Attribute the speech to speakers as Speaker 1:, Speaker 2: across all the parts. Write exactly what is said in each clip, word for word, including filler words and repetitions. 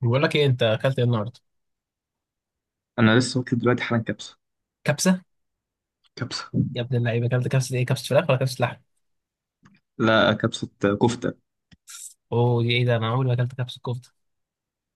Speaker 1: بقول لك ايه؟ انت اكلت ايه النهارده؟
Speaker 2: انا لسه واكل دلوقتي حالا كبسه.
Speaker 1: كبسه.
Speaker 2: كبسه.
Speaker 1: يا ابن اللعيبه، اكلت كبسه، ايه؟ كبسه فراخ ولا كبسه لحم؟
Speaker 2: لا، كبسه. كفته.
Speaker 1: اوه، دي ايه ده؟ انا عمري ما اكلت كبسه كفته.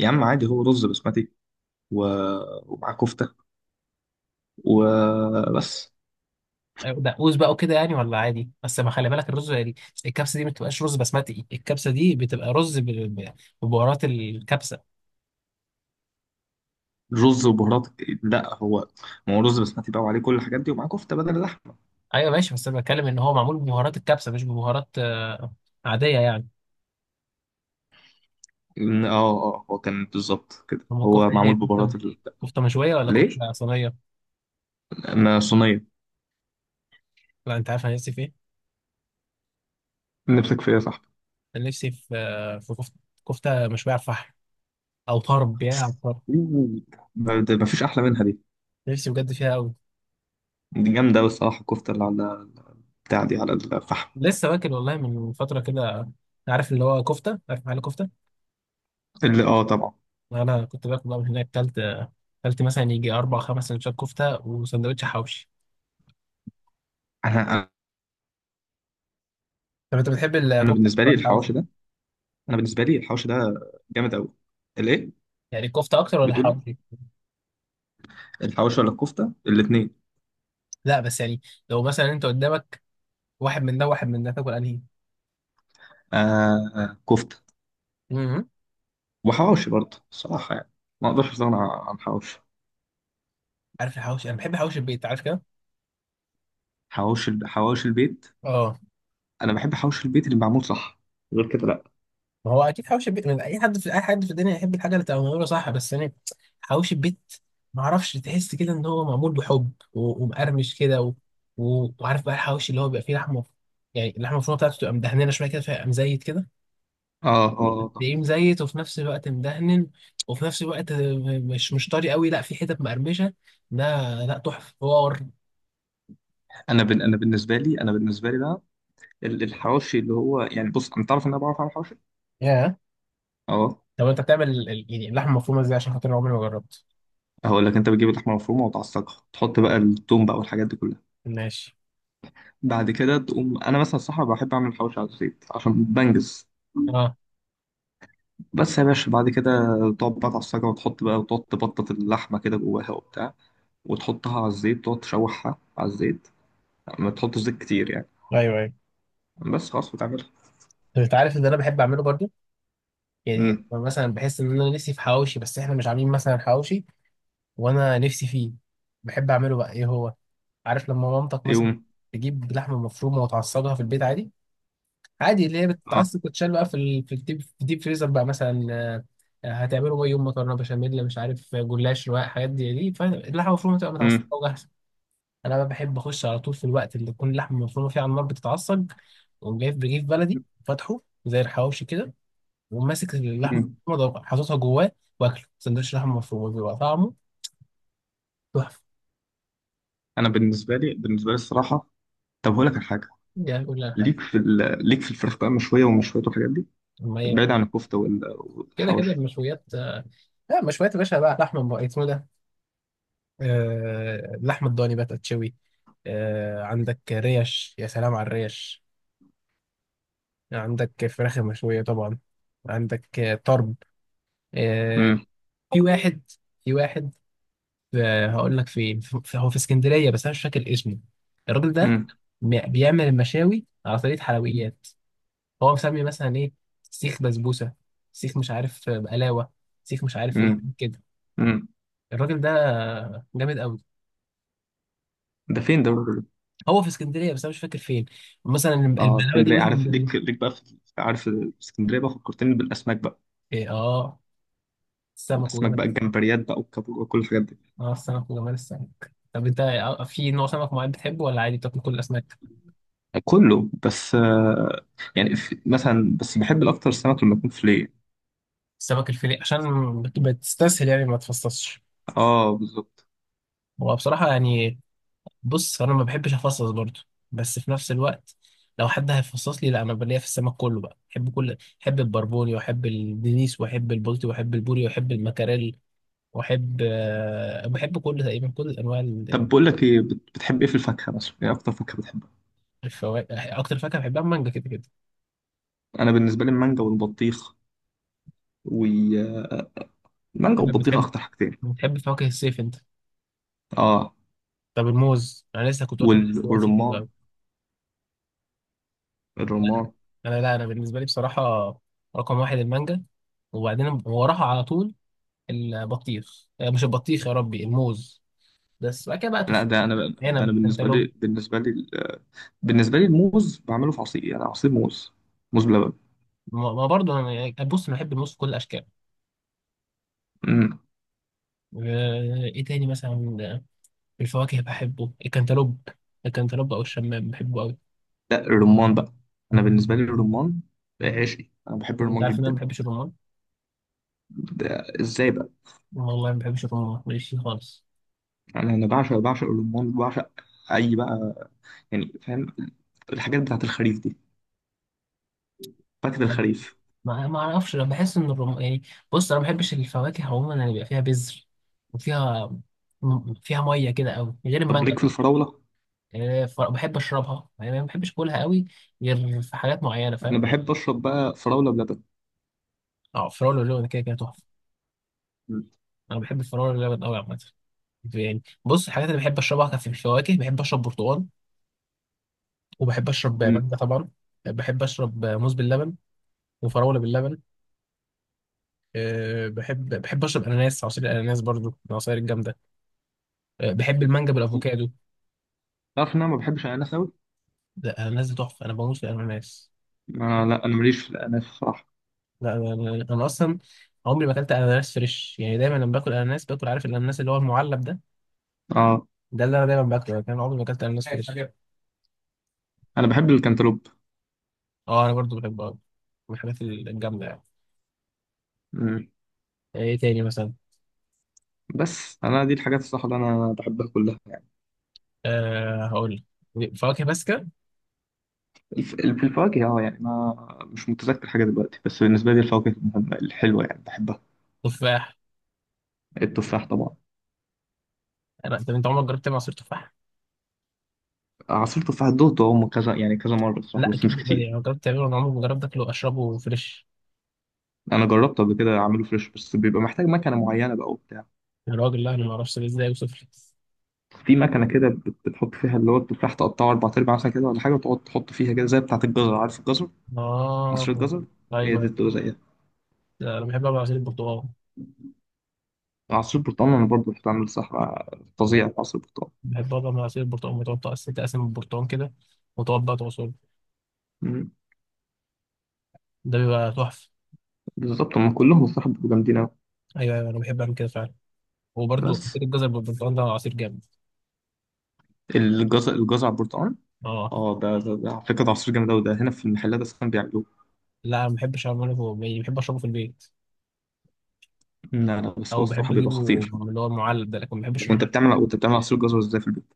Speaker 2: يا عم عادي، هو رز بسمتي و... ومعاه كفته وبس.
Speaker 1: أيوة، دقوس بقى وكده يعني، ولا عادي، بس ما خلي بالك الرز يعني. الكبسه دي ما بتبقاش رز بسمتي، الكبسه دي بتبقى رز ب- ب- ببهارات الكبسه.
Speaker 2: رز وبهارات. لا، هو ما هو رز بسمتي بقى، وعليه كل الحاجات دي، ومعاه كفته بدل اللحمه.
Speaker 1: ايوه ماشي، بس انا بتكلم ان هو معمول ببهارات الكبسه، مش ببهارات آه، عاديه يعني.
Speaker 2: إن- اه اه هو كان بالظبط كده،
Speaker 1: هم
Speaker 2: هو
Speaker 1: كفته، ايه؟
Speaker 2: معمول
Speaker 1: كفته
Speaker 2: ببهارات ال...
Speaker 1: كفته مشويه ولا
Speaker 2: ليه؟
Speaker 1: كفته صينيه؟
Speaker 2: ما صينيه.
Speaker 1: لا، انت عارف انا نفسي في ايه.
Speaker 2: نفسك في ايه يا صاحبي؟
Speaker 1: انا نفسي في آه، في كفته. كفته مشويه على الفحم، او طرب، يا عم، طرب.
Speaker 2: أوه. ما ده- ما فيش احلى منها دي.
Speaker 1: نفسي بجد فيها قوي.
Speaker 2: دي جامده أوي الصراحه، الكفته اللي على بتاع دي على الفحم.
Speaker 1: لسه واكل والله من فترة كده. عارف اللي هو كفتة؟ عارف محل كفتة؟
Speaker 2: اللي، اه، طبعا.
Speaker 1: أنا كنت باكل بقى من هناك، كلت كلت مثلا يجي أربع خمس سندوتشات كفتة وسندوتش حواوشي.
Speaker 2: انا
Speaker 1: طب أنت بتحب الكفتة
Speaker 2: انا
Speaker 1: أكتر
Speaker 2: بالنسبه
Speaker 1: ولا
Speaker 2: لي
Speaker 1: الحواوشي؟
Speaker 2: الحواوشي ده، انا بالنسبه لي الحوش ده، جامد قوي. الايه؟
Speaker 1: يعني الكفتة أكتر ولا
Speaker 2: بتقول لي؟
Speaker 1: الحواوشي؟
Speaker 2: الحوش ولا الكفته؟ الاثنين.
Speaker 1: لا بس يعني، لو مثلا أنت قدامك واحد من ده واحد من ده، تاكل أنهي؟
Speaker 2: آه، كفته.
Speaker 1: مم.
Speaker 2: وحواوشي برضه الصراحه يعني، ما اقدرش استغنى عن حواوشي.
Speaker 1: عارف الحواوشي؟ أنا بحب حواوشي البيت، عارف كده؟
Speaker 2: حواوشي الب- حواوشي البيت.
Speaker 1: اه.
Speaker 2: انا بحب حواوشي البيت اللي معمول صح، غير كده لا.
Speaker 1: ما هو اكيد حوش البيت، من اي حد في اي حد في الدنيا يحب الحاجه اللي تبقى معموله صح بس يعني. حوش البيت، ما اعرفش، تحس كده ان هو معمول بحب و... ومقرمش كده و... و... وعارف بقى الحوش اللي هو بيبقى فيه لحمه، يعني اللحمه المفرومه بتاعته تبقى مدهنه شويه كده فيبقى مزيت كده.
Speaker 2: اه، اه، طب.
Speaker 1: تلاقيه مزيت، وفي نفس الوقت مدهن، وفي نفس الوقت مش مش طري قوي، لا، في حتت مقرمشه ده. لا، تحفه، حوار.
Speaker 2: انا بن... انا بالنسبه لي انا بالنسبه لي بقى، ال- الحواوشي اللي هو يعني، بص، انت تعرف ان انا بعرف اعمل حواوشي.
Speaker 1: ياه.
Speaker 2: اه،
Speaker 1: طب انت بتعمل ال- ال- يعني اللحمه المفرومه ازاي؟ عشان خاطر أنا عمري ما جربت.
Speaker 2: هقول لك، انت بتجيب اللحمه المفرومه وتعصجها، تحط بقى التوم بقى والحاجات دي كلها.
Speaker 1: ماشي.
Speaker 2: بعد كده تقوم انا مثلا الصراحه بحب اعمل حواوشي على الزيت عشان بنجز.
Speaker 1: اه.
Speaker 2: بس يا باشا بعد كده تقعد بقى تعصجها، وتحط بقى، وتقعد تبطط اللحمة كده جواها وبتاع، وتحطها على الزيت، تقعد تشوحها على الزيت. ما تحطش زيت كتير يعني،
Speaker 1: ايوه ايوه.
Speaker 2: بس خلاص وتعملها.
Speaker 1: انت عارف ان انا بحب اعمله برضو. يعني
Speaker 2: امم.
Speaker 1: مثلا بحس ان انا نفسي في حواوشي بس احنا مش عاملين مثلا حواوشي، وانا نفسي فيه. بحب اعمله بقى، ايه هو، عارف لما مامتك مثلا
Speaker 2: يوم.
Speaker 1: تجيب لحمه مفرومه وتعصجها في البيت عادي، عادي اللي هي
Speaker 2: اه.
Speaker 1: بتتعصج وتتشال بقى في ال- في الديب في الديب فريزر بقى مثلا. آه، هتعمله بقى يوم مكرونه بشاميل، مش عارف، جلاش، رواق، حاجات دي دي فاللحمه المفرومه تبقى متعصجه
Speaker 2: امم،
Speaker 1: وجاهزه. انا بقى بحب اخش على طول في الوقت اللي تكون اللحمه المفرومه فيه على النار بتتعصج، واقوم جايب رغيف بلدي فاتحه زي الحواوشي كده، وماسك اللحمه
Speaker 2: امم.
Speaker 1: المفرومه حاططها جواه، واكله سندوتش لحمه مفرومه، بيبقى طعمه تحفه.
Speaker 2: انا بالنسبة لي بالنسبة لي الصراحة، طب هقول لك على حاجة.
Speaker 1: دي كل حاجه.
Speaker 2: ليك في ال... ليك في الفراخ بقى مشوية ومشوية والحاجات دي،
Speaker 1: ما هي
Speaker 2: بعيد عن الكفتة وال-
Speaker 1: كده كده
Speaker 2: والحواوشي.
Speaker 1: المشويات. لا، مشويات يا باشا بقى، لحمه بقى اسمه ده. آه اللحمه الضاني بقى تتشوي. آه عندك ريش، يا سلام على الريش. عندك فراخ مشويه طبعا. عندك آه، طرب. آه.
Speaker 2: امم.
Speaker 1: في واحد في واحد، آه هقول لك فين، في- هو في اسكندريه، بس انا مش فاكر اسمه، الراجل ده.
Speaker 2: امم.
Speaker 1: بيعمل المشاوي على طريقه حلويات. هو مسمي مثلا ايه، سيخ بسبوسه، سيخ مش عارف بقلاوه، سيخ مش عارف ايه
Speaker 2: امم.
Speaker 1: كده.
Speaker 2: امم.
Speaker 1: الراجل ده جامد قوي.
Speaker 2: ده فين ده؟
Speaker 1: هو في اسكندريه، بس انا مش فاكر فين. مثلا
Speaker 2: اه،
Speaker 1: البقلاوه دي
Speaker 2: اسكندرية،
Speaker 1: مثلا
Speaker 2: عارف؟
Speaker 1: من-
Speaker 2: ليك ليك بقى في... عارف، اسكندرية بقى فكرتني بالأسماك بقى.
Speaker 1: إيه إيه، اه. السمك
Speaker 2: اسماك
Speaker 1: وجمال.
Speaker 2: بقى، الجمبريات بقى والكابور وكل الحاجات دي.
Speaker 1: اه، السمك وجمال السمك. طب انت في نوع سمك معين بتحبه ولا عادي بتاكل كل الاسماك؟
Speaker 2: كله، بس آه، يعني في مثلا، بس بحب الاكتر سمك لما يكون فيليه.
Speaker 1: السمك الفيليه، عشان بتستسهل يعني، ما تفصصش.
Speaker 2: اه، بالظبط.
Speaker 1: هو بصراحه يعني، بص انا ما بحبش افصص برضو، بس في نفس الوقت لو حد هيفصص لي، لا، انا بليا في السمك كله بقى. بحب كل بحب البربوني، واحب الدنيس، واحب البلطي، واحب البوري، واحب المكاريل، واحب آه، بحب كل تقريبا كل انواع
Speaker 2: طب
Speaker 1: ال-
Speaker 2: بقول لك ايه، بت- بتحب ايه في الفاكهه مثلا؟ ايه اكتر فاكهه بتحبها؟
Speaker 1: الفواكه، اكتر فاكهه بحبها المانجا كده كده.
Speaker 2: انا بالنسبه لي المانجا والبطيخ والمانجا
Speaker 1: انت
Speaker 2: والبطيخ،
Speaker 1: بتحب
Speaker 2: اكتر حاجتين.
Speaker 1: بتحب فواكه الصيف انت؟
Speaker 2: اه،
Speaker 1: طب الموز، انا لسه كنت واكل
Speaker 2: وال-
Speaker 1: دلوقتي، حلو
Speaker 2: والرمان.
Speaker 1: قوي.
Speaker 2: الرمان.
Speaker 1: انا، لا، انا بالنسبه لي بصراحه، رقم واحد المانجا. وبعدين وراها على طول البطيخ، آه، مش البطيخ، يا ربي، الموز. بس بعد كده بقى
Speaker 2: لا،
Speaker 1: تفاح،
Speaker 2: ده انا ده انا
Speaker 1: عنب،
Speaker 2: بالنسبه
Speaker 1: كانتالوب.
Speaker 2: لي بالنسبه لي ال- بالنسبه لي الموز بعمله في عصير، يعني عصير موز، موز بلبن.
Speaker 1: ما ما برضه، انا يعني، بص انا بحب الموز في كل الاشكال.
Speaker 2: إمم.
Speaker 1: آه، ايه تاني مثلا؟ آه، في الفواكه بحبه الكنتالوب، الكنتالوب او الشمام بحبه قوي.
Speaker 2: لا، الرمان بقى. انا بالنسبه لي الرمان عشقي، انا بحب
Speaker 1: انت
Speaker 2: الرمان
Speaker 1: عارف ان انا ما
Speaker 2: جدا.
Speaker 1: بحبش الرمان؟
Speaker 2: ده ازاي بقى؟
Speaker 1: والله ما بحبش الرمان ماليش فيه خالص.
Speaker 2: انا انا بعشق بعشق الرمان بعشق. اي بقى، يعني، فاهم؟ الحاجات بتاعت الخريف دي، فاكهه الخريف.
Speaker 1: ما ما اعرفش، انا بحس ان الرم يعني، بص انا ما بحبش الفواكه عموما اللي بيبقى فيها بذر وفيها م- فيها ميه كده قوي، غير
Speaker 2: طب
Speaker 1: المانجا.
Speaker 2: ليك في الفراوله؟
Speaker 1: يعني ف- بحب اشربها يعني، ما بحبش اكلها قوي، غير في حاجات معينه، فاهم؟
Speaker 2: انا بحب اشرب بقى فراوله بلبن.
Speaker 1: اه، فراوله لون كده كده تحفه.
Speaker 2: م-
Speaker 1: انا بحب الفراوله اللبن قوي عامه. يعني بص، الحاجات اللي بحب اشربها كان في الفواكه، بحب اشرب برتقال، وبحب اشرب
Speaker 2: م.
Speaker 1: مانجا طبعا، بحب اشرب موز باللبن وفراوله باللبن. أه بحب بحب اشرب اناناس، عصير الاناناس برضو من العصاير الجامده. أه بحب المانجا بالافوكادو.
Speaker 2: تعرف ان انا ما بحبش الاناناس قوي؟
Speaker 1: ده الاناناس دي تحفه، انا بموت في الاناناس.
Speaker 2: آه، لا انا ماليش في الاناناس الصراحه.
Speaker 1: لا انا، انا أنا اصلا عمري ما اكلت اناناس فريش، يعني دايما لما باكل اناناس باكل، عارف، الاناناس اللي هو المعلب ده،
Speaker 2: اه،
Speaker 1: ده اللي انا دايما باكله، لكن انا عمري ما اكلت اناناس، عارف، فريش حاجة.
Speaker 2: انا بحب الكنتالوب.
Speaker 1: اه، انا برضو بحبه أوي. من الحاجات الجامده يعني.
Speaker 2: م.
Speaker 1: آه، ايه تاني مثلا؟
Speaker 2: بس انا دي الحاجات الصراحه اللي انا بحبها كلها.
Speaker 1: أه هقول لك، فواكه باسكة،
Speaker 2: الف- في الفواكه، اه يعني، ما مش متذكر حاجة دلوقتي، بس بالنسبة لي الفواكه المهمة الحلوة يعني بحبها.
Speaker 1: تفاح.
Speaker 2: التفاح طبعا.
Speaker 1: انا طب انت عمرك جربت تعمل عصير تفاح؟
Speaker 2: عصير تفاح دوقته، هم كذا يعني، كذا مرة بصراحة،
Speaker 1: لا
Speaker 2: بس
Speaker 1: اكيد
Speaker 2: مش
Speaker 1: بقدر يعني،
Speaker 2: كتير.
Speaker 1: أنا جربت تعمله، انا عمري ما جربت اكله اشربه فريش.
Speaker 2: أنا جربته قبل كده أعمله فريش، بس بيبقى محتاج مكنة معينة بقى وبتاع.
Speaker 1: يا راجل، لا انا ما اعرفش ده ازاي، يوصف لي.
Speaker 2: في مكنة كده، بت- بتحط فيها اللي هو التفاح، تقطعه أربع أرباع مثلا كده ولا حاجة، وتقعد تحط فيها كده زي بتاعة الجزر، عارف الجزر؟ عصير
Speaker 1: اه،
Speaker 2: الجزر. هي
Speaker 1: ايوه
Speaker 2: دي بتبقى
Speaker 1: ايوه.
Speaker 2: زيها.
Speaker 1: لا، انا بحب اعمل عصير البرتقال.
Speaker 2: عصير برتقال، أنا برضه بحب أعمل صحراء فظيع في عصير برتقال.
Speaker 1: بحب اعمل عصير البرتقال، بتقعد تقسم تقسم البرتقال كده وتقعد بقى تعصره،
Speaker 2: مم.
Speaker 1: ده بيبقى تحفه.
Speaker 2: بالظبط، هم كلهم الصراحة بيبقوا جامدين أوي.
Speaker 1: ايوه ايوه، انا بحب اعمل كده فعلا. وبرده
Speaker 2: بس
Speaker 1: عصير الجزر بالبرتقال، ده عصير جامد.
Speaker 2: الجزر الجزر على البرتقال،
Speaker 1: اه.
Speaker 2: اه. ده, ده, ده على فكرة، ده عصير جامد أوي، ده هنا في المحلات أصلا بيعملوه.
Speaker 1: لا، ما بحبش اعمله، هو- يعني بحب اشربه في البيت،
Speaker 2: لا لا، بس هو
Speaker 1: او بحب
Speaker 2: الصراحة بيبقى
Speaker 1: اجيبه
Speaker 2: خطير.
Speaker 1: من اللي هو المعلب ده، لكن ما بحبش.
Speaker 2: طب، وأنت بتعمل وأنت بتعمل عصير جزر إزاي في البيت؟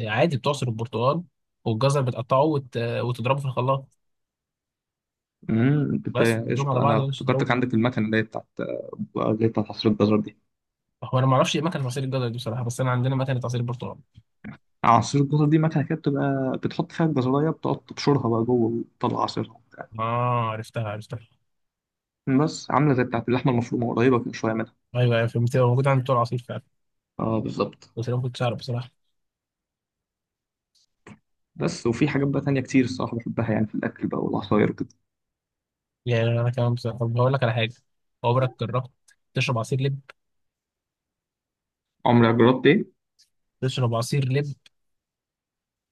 Speaker 1: عادي، بتعصر البرتقال، والجزر بتقطعه وت... وتضربه في الخلاط.
Speaker 2: امم،
Speaker 1: بس
Speaker 2: بت-
Speaker 1: وتحطهم على
Speaker 2: قشطة.
Speaker 1: بعض
Speaker 2: أنا
Speaker 1: ولا
Speaker 2: افتكرتك
Speaker 1: تضربهم؟
Speaker 2: عندك المكنة اللي هي بتاعت اللي هي بتاعت عصير الجزر دي.
Speaker 1: هو انا ما اعرفش ايه مكنه عصير الجزر دي بصراحه، بس انا عندنا مكنه عصير البرتقال.
Speaker 2: عصير الجزر دي مكنة كده، بتبقى بتحط فيها الجزراية، بتقعد تبشرها بقى جوه وتطلع عصيرها وبتاع.
Speaker 1: اه، عرفتها عرفتها.
Speaker 2: بس عاملة زي بتاعت اللحمة المفرومة، قريبة كده شوية منها.
Speaker 1: ايوه ايوه فهمت، هو موجود عند بتوع العصير فعلا.
Speaker 2: اه، بالظبط.
Speaker 1: بس انا ما كنتش اعرف بصراحه.
Speaker 2: بس وفي حاجات بقى تانية كتير الصراحة بحبها يعني، في الأكل بقى والعصاير وكده.
Speaker 1: يعني انا كمان بصراحه. طب هقول لك على حاجه، عمرك جربت تشرب عصير لب؟
Speaker 2: عمرك جربت إيه؟
Speaker 1: تشرب عصير لب.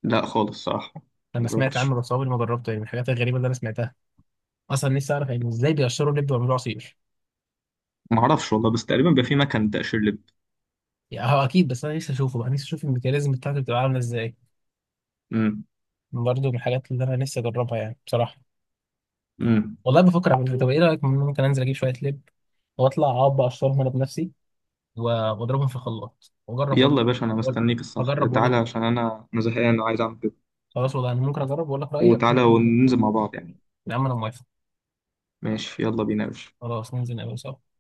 Speaker 2: لا خالص الصراحة،
Speaker 1: انا سمعت
Speaker 2: مجربتش.
Speaker 1: عنه بس عمري ما جربته، يعني من الحاجات الغريبه اللي انا سمعتها. اصلا نفسي اعرف يعني ازاي بيقشروا لب ويعملوه عصير.
Speaker 2: ما اعرفش والله، بس تقريبا بيبقى في مكان تقشير لب.
Speaker 1: يعني هو اكيد، بس انا نفسي اشوفه بقى، نفسي اشوف الميكانيزم بتاعته بتبقى عامله ازاي.
Speaker 2: امم.
Speaker 1: برضه من الحاجات اللي انا نفسي اجربها يعني بصراحه.
Speaker 2: امم.
Speaker 1: والله بفكر اعمل كده. طب ايه رايك، ممكن انزل اجيب شويه لب واطلع اقعد اقشرهم انا بنفسي، و- واضربهم في الخلاط واجرب واقول.
Speaker 2: يلا يا باشا، انا
Speaker 1: وأقول-
Speaker 2: مستنيك. الصح،
Speaker 1: اجرب واقول لك
Speaker 2: تعالى
Speaker 1: رأيي.
Speaker 2: عشان انا انا زهقان وعايز اعمل كده.
Speaker 1: خلاص والله، انا ممكن اجرب واقول لك رايي.
Speaker 2: وتعالى وننزل مع بعض يعني.
Speaker 1: يا عم، انا موافق.
Speaker 2: ماشي، يلا بينا يا باشا.
Speaker 1: خلاص ننزل نقابل سوا.